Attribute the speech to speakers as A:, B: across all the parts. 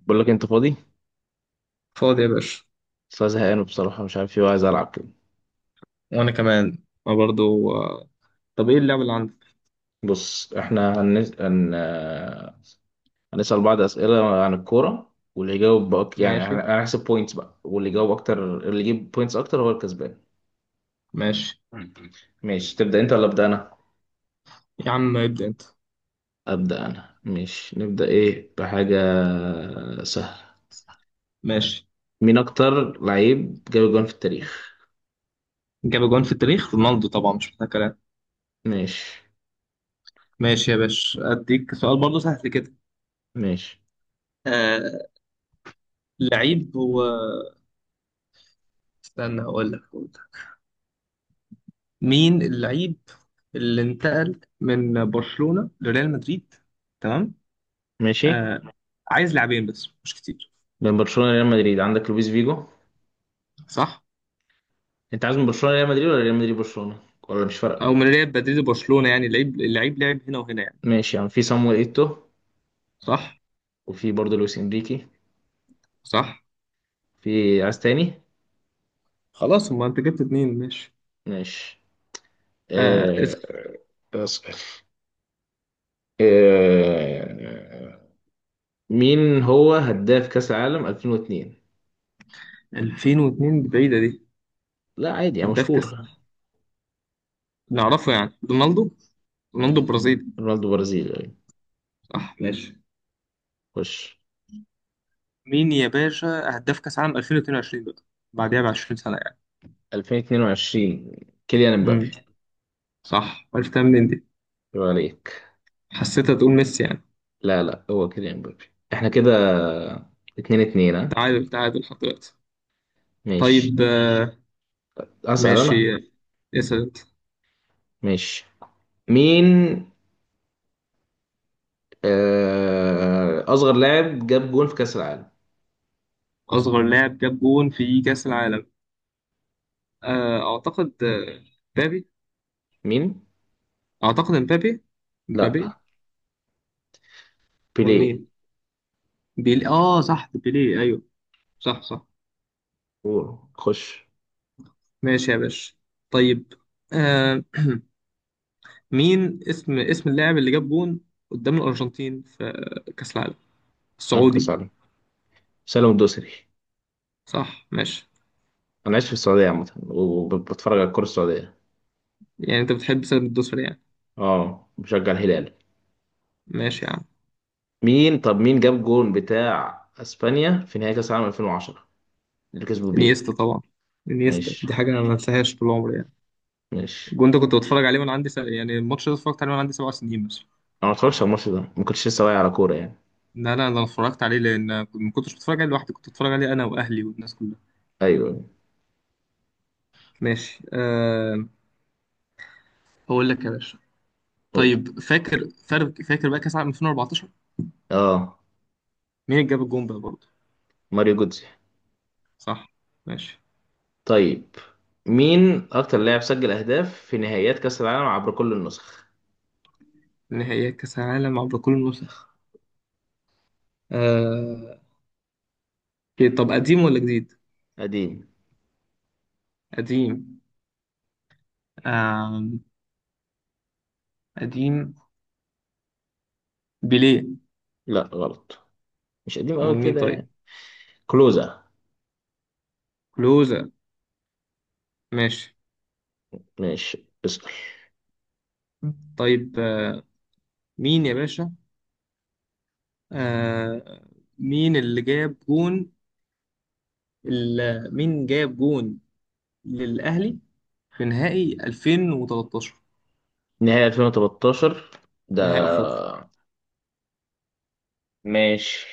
A: بقول لك انت فاضي.
B: فاضي يا باشا.
A: بس أنا زهقان بصراحه، مش عارف ايه، وعايز العب كده.
B: وانا كمان، انا برضو. طب ايه اللعبه اللي عندك؟
A: بص، احنا هنسال بعض اسئله عن الكوره، واللي يجاوب بقى يعني
B: ماشي،
A: هنحسب بوينتس بقى، واللي يجاوب اكتر اللي يجيب بوينتس اكتر هو الكسبان.
B: ماشي.
A: ماشي، تبدا انت ولا ابدا انا؟
B: يا عم ابدا انت.
A: ابدا انا. ماشي، نبدا ايه؟ بحاجه سهله.
B: ماشي.
A: مين اكتر لعيب جاب جون في التاريخ؟
B: جاب جون في التاريخ رونالدو طبعا، مش محتاج كلام.
A: ماشي.
B: ماشي يا باشا، اديك سؤال برضو سهل كده.
A: ماشي.
B: آه لعيب هو. استنى، هقول لك. مين اللعيب اللي انتقل من برشلونه لريال مدريد؟ تمام.
A: ماشي.
B: آه عايز لاعبين بس مش كتير.
A: بين برشلونه وريال مدريد عندك لويس فيجو.
B: صح،
A: انت عايز من برشلونه ريال مدريد ولا ريال مدريد برشلونه؟ ولا مش
B: او
A: فارقه؟
B: من ريال مدريد لبرشلونه، يعني اللعيب لعب هنا وهنا يعني.
A: ماشي، يعني في صامويل ايتو.
B: صح،
A: وفي برضه لويس انريكي.
B: صح.
A: في عايز تاني؟
B: خلاص، ما انت جبت اتنين. ماشي
A: ماشي. آه...
B: اسم.
A: بس- آه... مين هو هداف كأس العالم 2002؟
B: 2002 دي بعيدة دي.
A: لا عادي، يعني
B: هداف كاس
A: مشهور.
B: نعرفه يعني رونالدو، رونالدو برازيلي.
A: رونالدو برازيلي يعني.
B: صح، ماشي.
A: خش.
B: مين يا باشا؟ هداف كاس عام 2022 بقى، بعدها ب 20 سنة يعني.
A: 2022؟ كيليان امبابي.
B: امم صح، عرفتها منين دي؟
A: يبقى عليك.
B: حسيتها تقول ميسي يعني.
A: لا لا، هو كيليان امبابي. احنا كده اتنين اتنين، ها.
B: تعادل تعادل لحد دلوقتي.
A: ماشي.
B: طيب
A: اسأل انا.
B: ماشي اسأل انت.
A: ماشي. مين اصغر لاعب جاب جون في كأس العالم؟
B: أصغر لاعب جاب جون في كأس العالم، أعتقد مبابي.
A: مين؟
B: أعتقد مبابي، مبابي.
A: لا،
B: أمال
A: بيليه.
B: مين؟ بيلي، آه صح، بيلي، أيوه. صح، صح.
A: قول خش.
B: ماشي يا باشا. طيب آه مين اسم اللاعب اللي جاب جون قدام الأرجنتين في كأس العالم السعودي؟
A: انقص عليه. سالم الدوسري.
B: صح، ماشي.
A: انا عايش في السعوديه عامه وبتفرج على الكره السعوديه.
B: يعني انت بتحب سبب الدوسر يعني.
A: اه، بشجع الهلال.
B: ماشي يا عم.
A: مين؟ طب مين جاب جون بتاع اسبانيا في نهائي كاس العالم 2010، اللي كسبوا بيه؟
B: انيستا طبعا، انيستا
A: ماشي.
B: دي حاجة انا ما انساهاش طول عمري يعني.
A: ماشي.
B: الجون ده كنت بتفرج عليه يعني الماتش ده اتفرجت عليه وانا عندي 7 سنين مثلا.
A: انا ما اتفرجتش على الماتش ده، ما كنتش لسه واعي على كوره يعني.
B: لا لا، انا اتفرجت عليه ما كنتش بتفرج عليه لوحدي، كنت بتفرج عليه انا واهلي والناس كلها.
A: ايوه.
B: ماشي. هقول لك يا باشا.
A: قول لي.
B: طيب، فاكر بقى كأس العالم 2014،
A: اه،
B: مين اللي جاب الجون بقى برضه؟
A: ماريو جوتزي.
B: صح، ماشي.
A: طيب، مين اكتر لاعب سجل اهداف في نهائيات كاس العالم عبر كل النسخ؟
B: نهائيات كأس العالم عبر كل النسخ، آه... إيه، طب قديم ولا جديد؟
A: قديم.
B: قديم. آه... قديم، بيليه.
A: لا، غلط. مش قديم قوي
B: امال مين
A: كده
B: طيب؟
A: يعني. كلوزا.
B: كلوزا. ماشي.
A: ماشي اسأل.
B: طيب مين يا باشا؟ آه... مين اللي جاب جون؟ مين جاب جون للأهلي في نهائي 2013،
A: نهائي 2013 ده؟
B: نهائي أفريقيا؟
A: ماشي.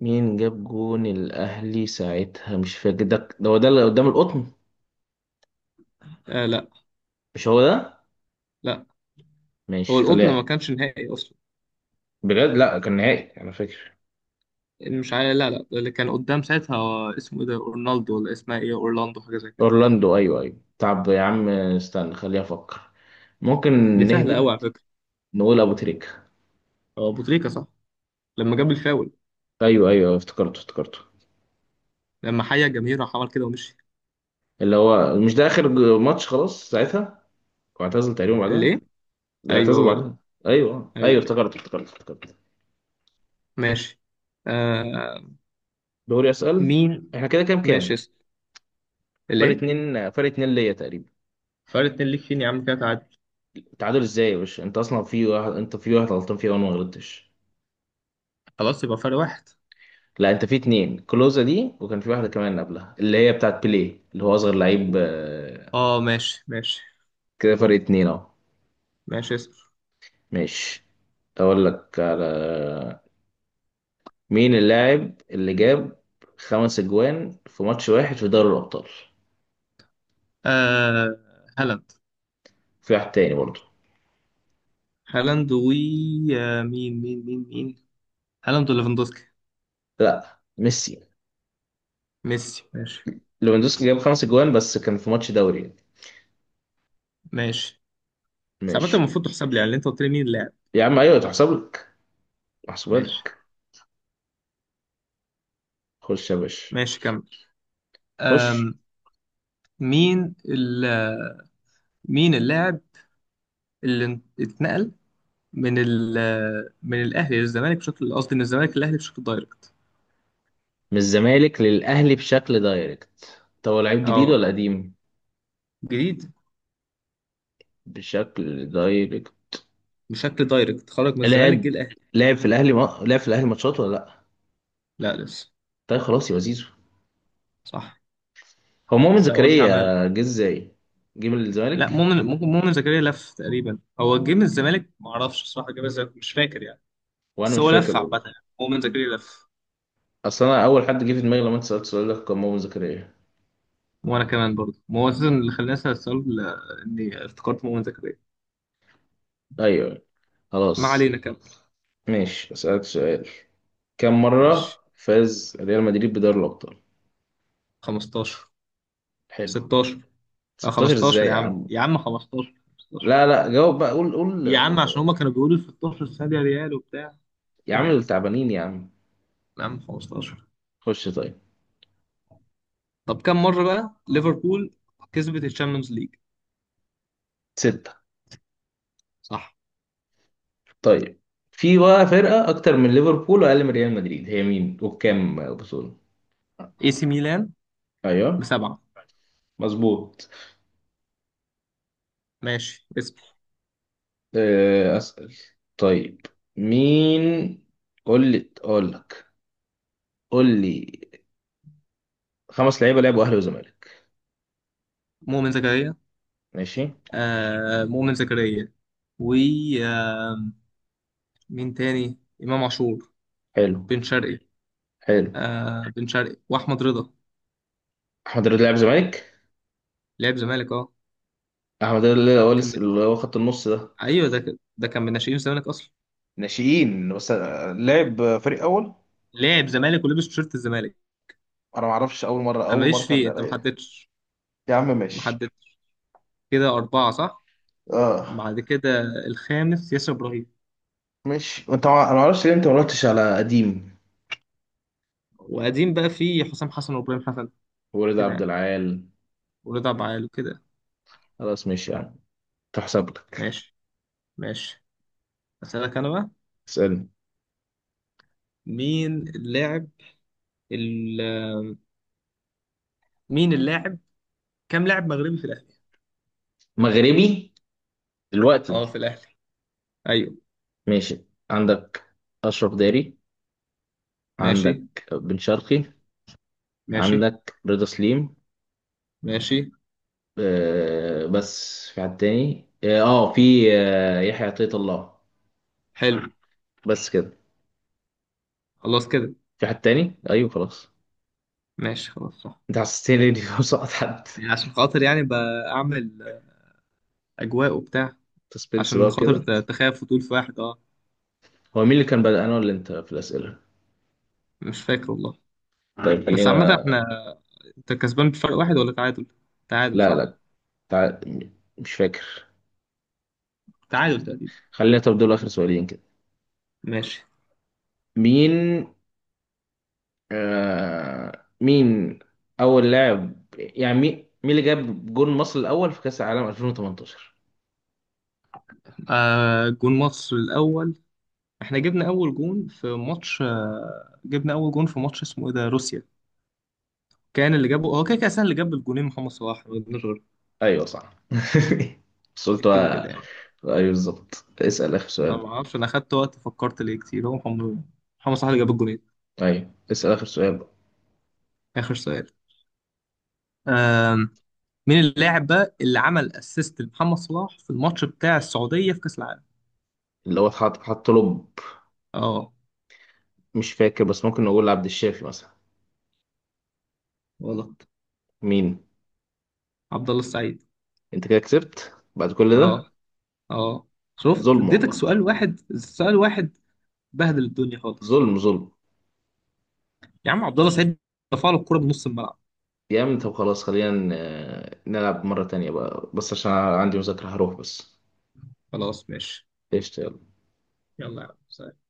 A: مين جاب جون الأهلي ساعتها؟ مش فاكر ده. ده هو ده اللي قدام القطن؟
B: لا.
A: مش هو ده؟
B: لا، هو
A: ماشي
B: القطن
A: خليها.
B: ما كانش نهائي أصلا.
A: بجد لا، كان نهائي أنا فاكر.
B: مش عارف، لا لا، اللي كان قدام ساعتها هو اسمه ايه ده رونالدو ولا اسمها ايه اورلاندو، حاجه زي كده.
A: أورلاندو، أيوه أيوه. طب يا عم استنى خليها أفكر. ممكن.
B: دي سهله
A: نهبد.
B: قوي على فكره.
A: نقول أبو تريكة.
B: هو ابو تريكه صح، لما جاب الفاول.
A: أيوه أيوه، افتكرته افتكرته.
B: لما حيا الجماهير راح عمل كده ومشي.
A: اللي هو مش ده آخر ماتش خلاص ساعتها، واعتزل تقريبا
B: الايه؟
A: بعدها؟
B: ايوه
A: اعتزل
B: هو ده.
A: بعدها. أيوه أيوه،
B: ايوه، ايوه.
A: افتكرته افتكرته افتكرته.
B: ماشي آه
A: دوري اسال.
B: مين.
A: احنا كده كام
B: ماشي
A: كام؟
B: اسم.
A: فرق
B: الايه؟
A: اتنين، فرق اتنين ليا تقريبا.
B: فرق اتنين ليك. فين يا عم كده، تعادل.
A: تعادل ازاي يا باشا؟ انت اصلا في واحد، انت في واحد غلطان فيها وانا ما غلطتش.
B: خلاص يبقى فرق واحد.
A: لا، انت في اتنين كلوزا دي، وكان في واحده كمان قبلها اللي هي بتاعت بيليه اللي هو اصغر لعيب،
B: اه، ماشي، ماشي.
A: كده فرق اتنين اهو.
B: ماشي اسم.
A: ماشي. اقول لك على مين اللاعب اللي جاب خمس اجوان في ماتش واحد في دوري الابطال؟
B: آه هالاند.
A: في واحد تاني برضه.
B: هالاند و آه مين مين مين مين هالاند وليفاندوسكي.
A: لا، ميسي.
B: ميسي، ماشي.
A: ليفاندوسكي جاب خمس اجوان بس كان في ماتش دوري يعني.
B: ماشي. بس عامة
A: ماشي.
B: المفروض تحسب لي يعني، اللي انت قلت لي مين اللاعب.
A: يا عم ايوه، تحسب لك. محسوبة
B: ماشي.
A: لك. خش يا باشا.
B: ماشي كمل.
A: خش.
B: أم مين مين اللاعب اللي اتنقل من ال من الاهلي للزمالك بشكل قصدي، من الزمالك للاهلي بشكل دايركت؟
A: من الزمالك للأهلي بشكل دايركت؟ طب هو لعيب جديد
B: اه،
A: ولا قديم؟
B: جديد.
A: بشكل دايركت.
B: بشكل دايركت، خرج من الزمالك جه
A: لعب،
B: الاهلي.
A: لعب في الأهلي ما... لعب في الأهلي ماتشات ولا لأ؟
B: لا لسه.
A: طيب خلاص، يا زيزو
B: صح،
A: هو مؤمن
B: بس قلت عمال.
A: زكريا؟ جه ازاي؟ جه من
B: لا
A: الزمالك.
B: مؤمن، ممكن مؤمن زكريا لف تقريبا، هو جه من الزمالك ما اعرفش الصراحه، جه من الزمالك مش فاكر يعني.
A: وأنا
B: بس
A: مش
B: هو
A: فاكر
B: لف عامة
A: برضه.
B: يعني، مؤمن زكريا لف.
A: أصل أنا أول حد جه في دماغي لما أنت سألت السؤال ده كان مؤمن زكريا.
B: وانا كمان برضه، ما هو اساسا اللي خلاني اسال السؤال، اني افتكرت مؤمن زكريا.
A: أيوه.
B: ما
A: خلاص.
B: علينا، كمل.
A: ماشي أسألك سؤال. كم مرة
B: ماشي.
A: فاز ريال مدريد بدوري الأبطال؟
B: 15.
A: حلو.
B: 16. لا
A: 16
B: 15
A: ازاي
B: يا
A: يا
B: عم،
A: عم؟
B: يا عم 15، 15.
A: لا لا، جاوب بقى، قول قول،
B: يا عم عشان هما كانوا بيقولوا 16 السنه دي، ريال وبتاع
A: يا
B: كده
A: عم
B: يعني.
A: التعبانين يا عم.
B: يا عم 15.
A: خش طيب.
B: طب كم مره بقى ليفربول كسبت الشامبيونز ليج؟
A: ستة.
B: صح.
A: طيب، في بقى فرقة أكتر من ليفربول وأقل من ريال مدريد، هي مين وبكام بطولة؟
B: اي سي ميلان.
A: أيوه.
B: ب7.
A: مظبوط.
B: ماشي اسم.
A: أسأل. طيب. مين؟ قول لي أقول لك. قول لي. خمس لعيبة لعبوا أهلي وزمالك.
B: مؤمن زكريا.
A: ماشي.
B: مؤمن زكريا، و آه، مين تاني؟ امام عاشور.
A: حلو.
B: بن شرقي.
A: حلو.
B: بن شرقي واحمد رضا.
A: أحمد رضا لعب زمالك.
B: لعب زمالك اه.
A: أحمد رضا اللي هو
B: كان من،
A: اللي هو خط النص ده.
B: ايوه ده كان من ناشئين الزمالك اصلا.
A: ناشئين بس، لعب فريق أول.
B: لاعب زمالك ولبس تيشيرت الزمالك.
A: انا ما اعرفش، اول مره
B: انا
A: اول مره
B: ماليش
A: تعدي
B: فيه، انت ما
A: عليا.
B: حددتش.
A: يا عم
B: ما
A: ماشي.
B: حددتش. كده اربعه صح.
A: اه.
B: بعد كده الخامس ياسر ابراهيم.
A: ماشي. انت ما... انا ما اعرفش ليه انت ما رحتش على قديم.
B: وقديم بقى فيه حسام حسن وابراهيم حسن
A: ورضا
B: كده
A: عبد
B: يعني،
A: العال.
B: ورضا بعال وكده.
A: خلاص ماشي يا عم. تحسب لك.
B: ماشي، ماشي. اسالك انا بقى.
A: اسالني.
B: مين اللاعب ال... مين اللاعب، كام لاعب مغربي في الاهلي؟
A: مغربي؟ دلوقتي؟
B: اه في الاهلي، ايوه.
A: ماشي. عندك اشرف داري.
B: ماشي،
A: عندك بن شرقي.
B: ماشي،
A: عندك رضا سليم.
B: ماشي.
A: آه بس في حد تاني؟ اه، في، آه يحيى عطية الله.
B: حلو.
A: بس كده.
B: خلاص كده.
A: في حد تاني؟ ايوه خلاص.
B: ماشي خلاص صح.
A: انت حسستني اني بسقط حد.
B: يعني عشان خاطر يعني بعمل اجواء وبتاع،
A: سسبنس
B: عشان
A: بقى
B: خاطر
A: كده.
B: تخاف وتقول في واحد اه.
A: هو مين اللي كان بدأ، انا ولا انت في الأسئلة؟
B: مش فاكر والله.
A: طيب عادي،
B: بس
A: يلا
B: عامة
A: خلينا.
B: احنا، انت كسبان بفرق واحد ولا تعادل؟ تعادل
A: لا
B: صح؟
A: لا. تع... مش فاكر.
B: تعادل تقريبا.
A: خلينا، طب دول آخر سؤالين كده.
B: ماشي.
A: مين مين أول لاعب، يعني مين مين اللي جاب جون مصر الأول في كأس العالم 2018؟
B: جون مصر الاول. احنا جبنا اول جون في ماتش، جبنا اول جون في ماتش اسمه ايه ده روسيا. كان اللي جابه هو كده كده أصلاً، اللي جاب الجونين محمد صلاح، ما قلناش غيره.
A: ايوه صح بس قلت
B: كده كده
A: بقى-
B: يعني.
A: ايوه بالظبط، اسأل آخر
B: ما
A: سؤال.
B: ما اعرفش، انا خدت وقت فكرت ليه كتير، هو محمد صلاح اللي جاب الجونين.
A: ايوه اسأل آخر سؤال.
B: اخر سؤال، مين اللاعب بقى اللي عمل اسيست لمحمد صلاح في الماتش بتاع السعودية في كأس العالم؟
A: اللي هو اتحط، حط له.
B: اه.
A: مش فاكر، بس ممكن نقول عبد الشافي مثلا.
B: غلط.
A: مين؟
B: عبد الله السعيد.
A: انت كده كسبت بعد كل ده.
B: اه، اه. شفت،
A: ظلم
B: اديتك
A: والله.
B: سؤال واحد، سؤال واحد. بهدل الدنيا خالص.
A: ظلم ظلم.
B: يا عم عبد الله السعيد رفع له الكرة بنص الملعب.
A: جامد. طب خلاص، خلينا نلعب مرة تانية بقى، بس عشان عندي مذاكرة هروح بس.
B: خلاص ماشي.
A: قشطة يلا.
B: يلا يا عم.